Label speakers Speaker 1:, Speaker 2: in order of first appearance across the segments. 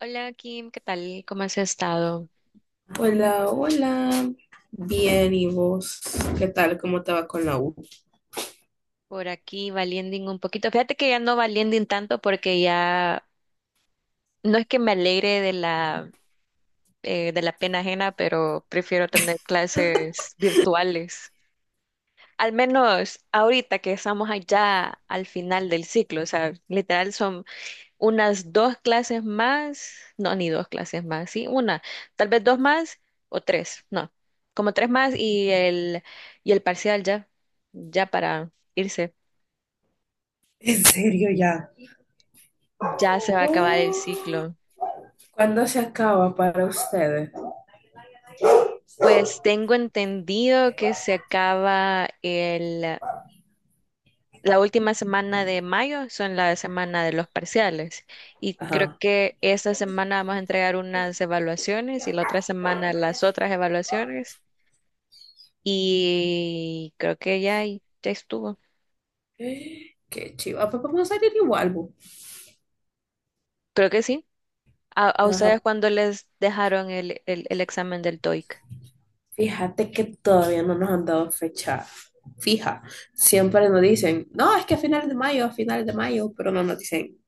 Speaker 1: Hola Kim, ¿qué tal? ¿Cómo has estado?
Speaker 2: Hola, hola. Bien, ¿y vos? ¿Qué tal? ¿Cómo te va con la U?
Speaker 1: Por aquí valiending un poquito. Fíjate que ya no valiending tanto porque ya no es que me alegre de la pena ajena, pero prefiero tener clases virtuales. Al menos ahorita que estamos allá al final del ciclo, o sea, literal son unas dos clases más, no, ni dos clases más, sí, una, tal vez dos más o tres, no, como tres más y el parcial ya, ya para irse.
Speaker 2: En serio, ya.
Speaker 1: Ya se va a acabar el
Speaker 2: Oh,
Speaker 1: ciclo.
Speaker 2: ¿cuándo se acaba para ustedes?
Speaker 1: Pues tengo entendido que se acaba la última semana de mayo, son la semana de los parciales. Y creo
Speaker 2: Ajá.
Speaker 1: que esta semana vamos a entregar unas evaluaciones y la otra semana las otras evaluaciones. Y creo que ya, ya estuvo.
Speaker 2: Qué chiva. Pues vamos a salir igual, bu.
Speaker 1: Creo que sí. ¿A
Speaker 2: Ajá.
Speaker 1: ustedes cuándo les dejaron el examen del TOEIC?
Speaker 2: Fíjate que todavía no nos han dado fecha fija. Siempre nos dicen, no, es que a finales de mayo, a finales de mayo, pero no nos dicen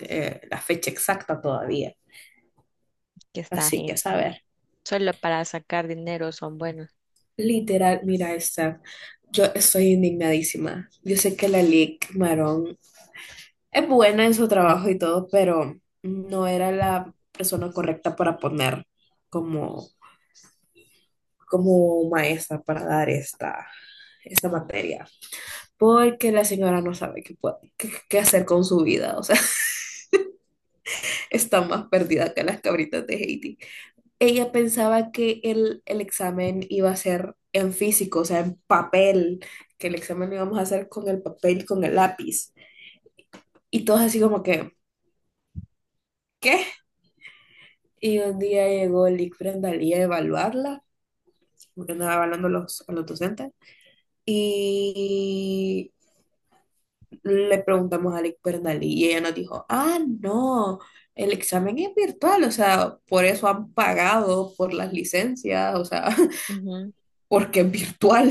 Speaker 2: la fecha exacta todavía.
Speaker 1: Que está
Speaker 2: Así que,
Speaker 1: gente.
Speaker 2: ¿sabes?
Speaker 1: Solo para sacar dinero son buenos.
Speaker 2: Literal, mira esta. Yo estoy indignadísima. Yo sé que la Lic Marón es buena en su trabajo y todo, pero no era la persona correcta para poner como, como maestra para dar esta materia. Porque la señora no sabe qué hacer con su vida. O sea, está más perdida que las cabritas de Haití. Ella pensaba que el examen iba a ser en físico, o sea, en papel, que el examen lo íbamos a hacer con el papel, con el lápiz. Y todos así como que, ¿qué? Y un día llegó Lick Brendalí a evaluarla, porque andaba evaluando a los docentes, y le preguntamos a Lick Brendalí y ella nos dijo, ah, no, el examen es virtual, o sea, por eso han pagado por las licencias, o sea,
Speaker 1: Ujú.
Speaker 2: porque es virtual.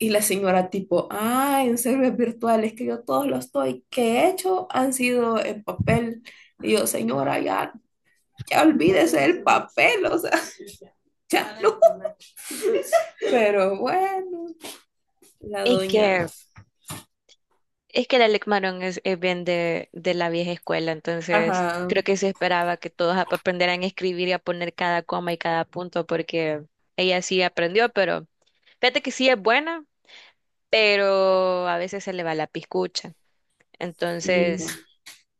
Speaker 2: Y la señora tipo, ah, en server virtual, es que yo todos los estoy que he hecho han sido en papel. Y yo, señora, ya, ya olvídese del papel, o sea, ya no. Pero bueno, la
Speaker 1: Es
Speaker 2: doña,
Speaker 1: que Es que el Alec Maron es bien de la vieja escuela, entonces
Speaker 2: ajá,
Speaker 1: creo que se esperaba que todos aprendieran a escribir y a poner cada coma y cada punto, porque ella sí aprendió, pero fíjate que sí es buena, pero a veces se le va la piscucha.
Speaker 2: sí.
Speaker 1: Entonces,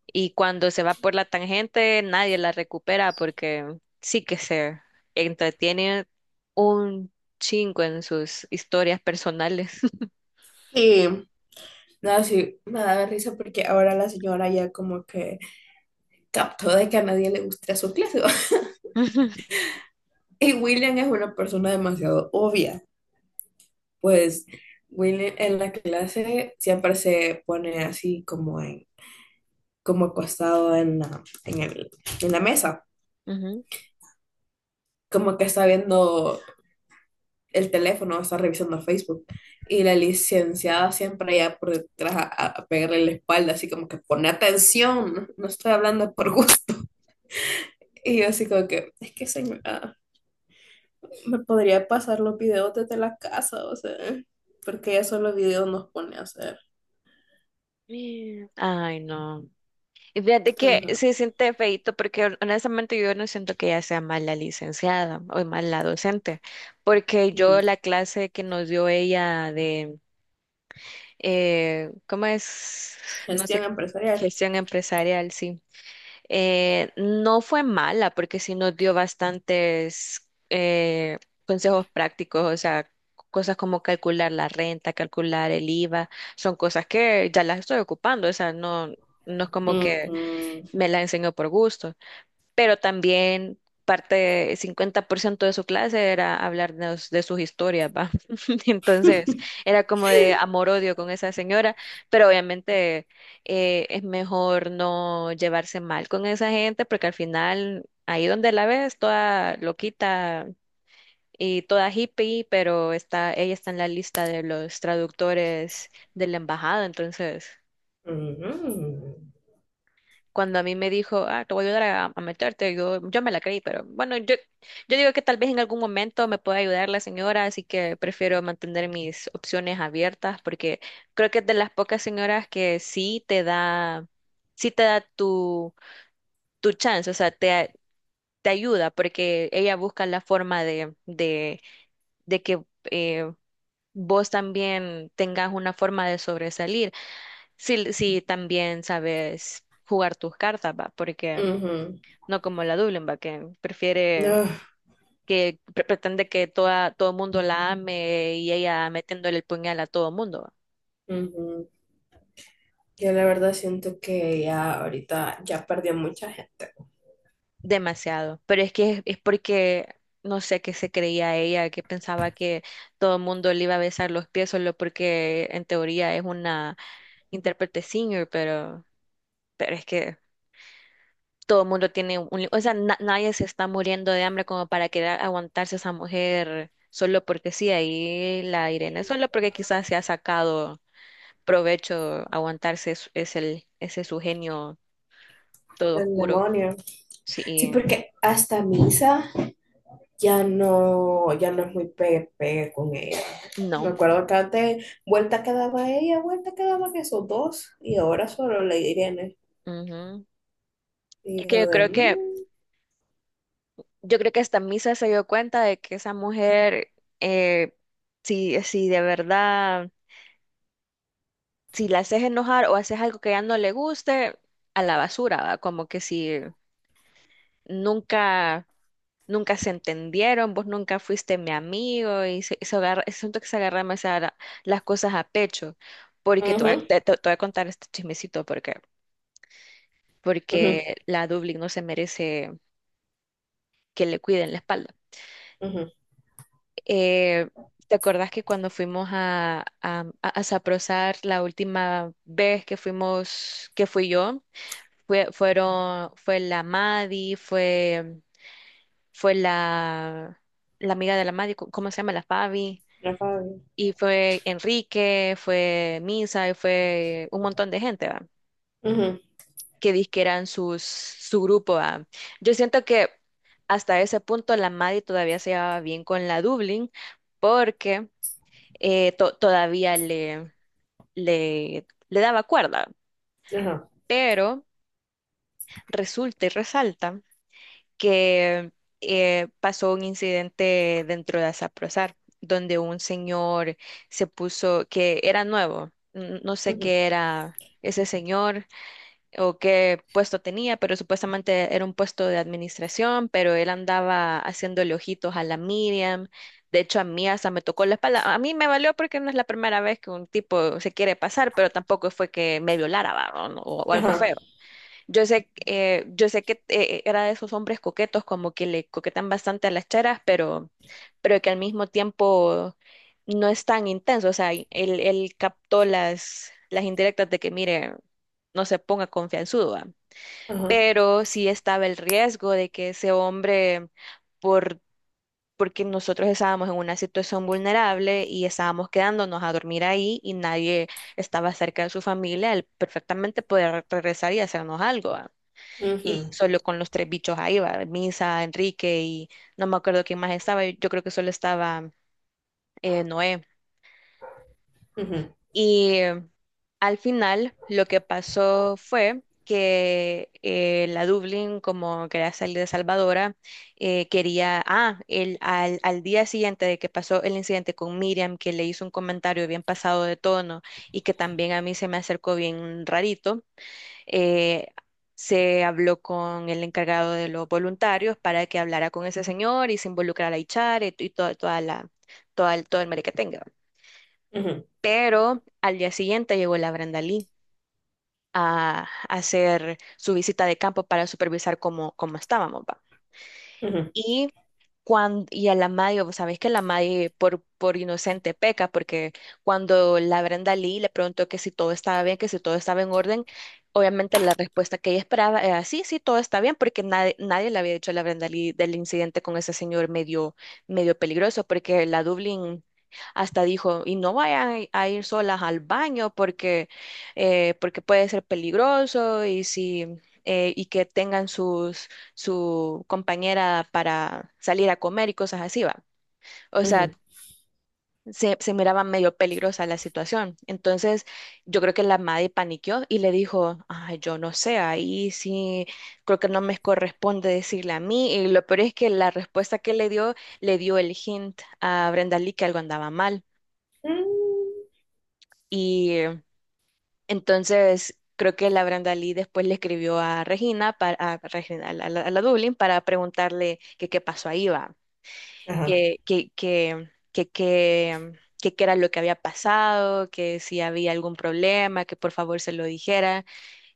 Speaker 1: y cuando se va por la tangente, nadie la recupera porque sí que se entretiene un chingo en sus historias personales.
Speaker 2: Sí, nada, sí, me da risa porque ahora la señora ya como que captó de que a nadie le gusta su clase. Y William es una persona demasiado obvia. Pues Will en la clase siempre se pone así como en, como acostado en la mesa,
Speaker 1: Ujú.
Speaker 2: como que está viendo el teléfono, está revisando Facebook. Y la licenciada siempre ya por detrás a pegarle la espalda, así como que pone atención, no no estoy hablando por gusto. Y yo así como que, es que señora, me podría pasar los videos desde la casa, o sea, porque ya solo videos nos pone a hacer.
Speaker 1: Ay, no. Y fíjate que
Speaker 2: Ajá,
Speaker 1: sí siente feíto porque honestamente yo no siento que ella sea mala licenciada o mala docente, porque yo
Speaker 2: ujú.
Speaker 1: la clase que nos dio ella ¿cómo es? No
Speaker 2: Gestión
Speaker 1: sé,
Speaker 2: empresarial.
Speaker 1: gestión empresarial, sí. No fue mala porque sí nos dio bastantes consejos prácticos, o sea, cosas como calcular la renta, calcular el IVA, son cosas que ya las estoy ocupando, o sea, no, no es como que
Speaker 2: Ujú,
Speaker 1: me la enseñó por gusto, pero también parte, 50% de su clase era hablarnos de sus historias, ¿va? Entonces, era como de amor-odio con esa señora, pero obviamente es mejor no llevarse mal con esa gente, porque al final, ahí donde la ves, toda loquita y toda hippie, pero está, ella está en la lista de los traductores de la embajada, entonces...
Speaker 2: ujú,
Speaker 1: cuando a mí me dijo, ah, te voy a ayudar a meterte, yo me la creí, pero bueno, yo digo que tal vez en algún momento me pueda ayudar la señora, así que prefiero mantener mis opciones abiertas porque creo que es de las pocas señoras que sí te da tu chance, o sea, te ayuda porque ella busca la forma de que... eh, vos también tengas una forma de sobresalir, si también sabes jugar tus cartas, ¿va? Porque
Speaker 2: ujú.
Speaker 1: no como la Dublinba, que prefiere,
Speaker 2: No,
Speaker 1: que pretende que todo el mundo la ame y ella metiéndole el puñal a todo el mundo.
Speaker 2: ujú. Yo la verdad siento que ya ahorita ya perdió mucha gente.
Speaker 1: Demasiado. Pero es que es porque, no sé qué se creía ella, que pensaba que todo el mundo le iba a besar los pies solo porque en teoría es una intérprete senior, pero es que todo el mundo tiene un... o sea, nadie se está muriendo de hambre como para querer aguantarse a esa mujer. Solo porque sí, ahí la Irene, solo porque quizás se ha sacado provecho aguantarse es el, ese su genio todo
Speaker 2: El
Speaker 1: oscuro.
Speaker 2: demonio. Sí,
Speaker 1: Sí,
Speaker 2: porque hasta misa ya no, ya no es muy pegue, pegue con ella. Me
Speaker 1: no.
Speaker 2: acuerdo que antes vuelta que daba ella, vuelta que daban esos dos, y ahora solo la Irene.
Speaker 1: Ujú. Es
Speaker 2: Y
Speaker 1: que
Speaker 2: yo
Speaker 1: yo
Speaker 2: de
Speaker 1: creo que, yo creo que hasta Misa se dio cuenta de que esa mujer, eh, si de verdad, si la haces enojar o haces algo que ya no le guste, a la basura, ¿va? Como que si nunca, nunca se entendieron, vos nunca fuiste mi amigo y se agarra, siento que se agarra demasiado las cosas a pecho porque te voy a,
Speaker 2: ujú,
Speaker 1: te voy a contar este chismecito,
Speaker 2: ujú,
Speaker 1: porque la Dublín no se merece que le cuiden la espalda.
Speaker 2: ujú,
Speaker 1: Eh, ¿Te acordás que cuando fuimos a Saprosar la última vez que fuimos, que fui yo, fue la Madi, fue la, la amiga de la Madi, ¿cómo se llama? La Fabi.
Speaker 2: la Fabi,
Speaker 1: Y fue Enrique, fue Misa, y fue un montón de gente, ¿va?
Speaker 2: ujú,
Speaker 1: Que dizque eran sus, su grupo. Ah, yo siento que hasta ese punto la Maddie todavía se llevaba bien con la Dublin porque todavía le daba cuerda.
Speaker 2: ajá,
Speaker 1: Pero resulta y resalta que pasó un incidente dentro de Asaprozar, donde un señor se puso, que era nuevo, no sé
Speaker 2: ujú,
Speaker 1: qué era ese señor o qué puesto tenía, pero supuestamente era un puesto de administración, pero él andaba haciéndole ojitos a la Miriam. De hecho, a mí hasta me tocó la espalda. A mí me valió porque no es la primera vez que un tipo se quiere pasar, pero tampoco fue que me violara, va, O, no- o algo
Speaker 2: ajá,
Speaker 1: feo. Yo sé que era de esos hombres coquetos, como que le coquetan bastante a las cheras, pero que al mismo tiempo no es tan intenso. O sea, él captó las indirectas de que, mire, no se ponga confianzudo, ¿va?
Speaker 2: ajá,
Speaker 1: Pero sí estaba el riesgo de que ese hombre, por, porque nosotros estábamos en una situación vulnerable y estábamos quedándonos a dormir ahí y nadie estaba cerca de su familia, él perfectamente podía regresar y hacernos algo. Y
Speaker 2: ujú,
Speaker 1: solo con los tres bichos ahí va, Misa, Enrique y no me acuerdo quién más estaba. Yo creo que solo estaba Noé.
Speaker 2: ujú,
Speaker 1: Y al final lo que pasó fue que la Dublín, como quería salir de Salvadora, quería, ah, el, al, al día siguiente de que pasó el incidente con Miriam, que le hizo un comentario bien pasado de tono y que también a mí se me acercó bien rarito, eh, se habló con el encargado de los voluntarios para que hablara con ese señor y se involucrara a Ichar y toda, todo el mere que tenga.
Speaker 2: ujú,
Speaker 1: Pero al día siguiente llegó la Brenda Lee a hacer su visita de campo para supervisar cómo, cómo estábamos, ¿va?
Speaker 2: ujú.
Speaker 1: Y, cuando, y a la Madio, vos sabés que la Madio por inocente peca, porque cuando la Brenda Lee le preguntó que si todo estaba bien, que si todo estaba en orden, obviamente la respuesta que ella esperaba era sí, sí, todo está bien, porque nadie, nadie le había dicho a la Brenda Lee del incidente con ese señor medio, medio peligroso, porque la Dublín hasta dijo, y no vayan a ir solas al baño porque, porque puede ser peligroso y si... y que tengan sus, su compañera para salir a comer y cosas así, va. O sea,
Speaker 2: Ujú.
Speaker 1: se miraba medio peligrosa la situación. Entonces, yo creo que la madre paniqueó y le dijo, ay, yo no sé, ahí sí, creo que no me corresponde decirle a mí. Y lo peor es que la respuesta que le dio el hint a Brenda Lee que algo andaba mal.
Speaker 2: Mm,
Speaker 1: Y entonces... Creo que la Brenda Lee después le escribió a Regina, para, a, Regina, a la Dublin, para preguntarle que qué pasó ahí, va.
Speaker 2: ajá.
Speaker 1: que, que, que, que, que, que qué era lo que había pasado, que si había algún problema, que por favor se lo dijera.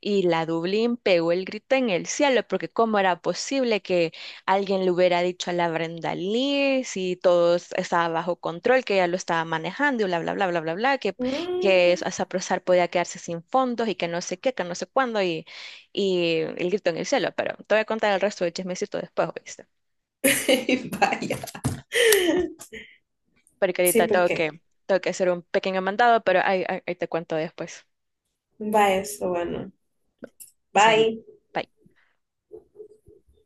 Speaker 1: Y la Dublín pegó el grito en el cielo, porque cómo era posible que alguien le hubiera dicho a la Brenda Lee si todo estaba bajo control, que ella lo estaba manejando y bla, bla, bla, bla, bla, bla, que
Speaker 2: Mm.
Speaker 1: Saprosar podía quedarse sin fondos y que no sé qué, que no sé cuándo, y el grito en el cielo. Pero te voy a contar el resto del chismecito después,
Speaker 2: Vaya.
Speaker 1: porque
Speaker 2: Sí,
Speaker 1: ahorita
Speaker 2: por qué
Speaker 1: tengo que hacer un pequeño mandado, pero ahí, ahí ahí te cuento después.
Speaker 2: va eso, bueno.
Speaker 1: Sal.
Speaker 2: Bye.
Speaker 1: Bye.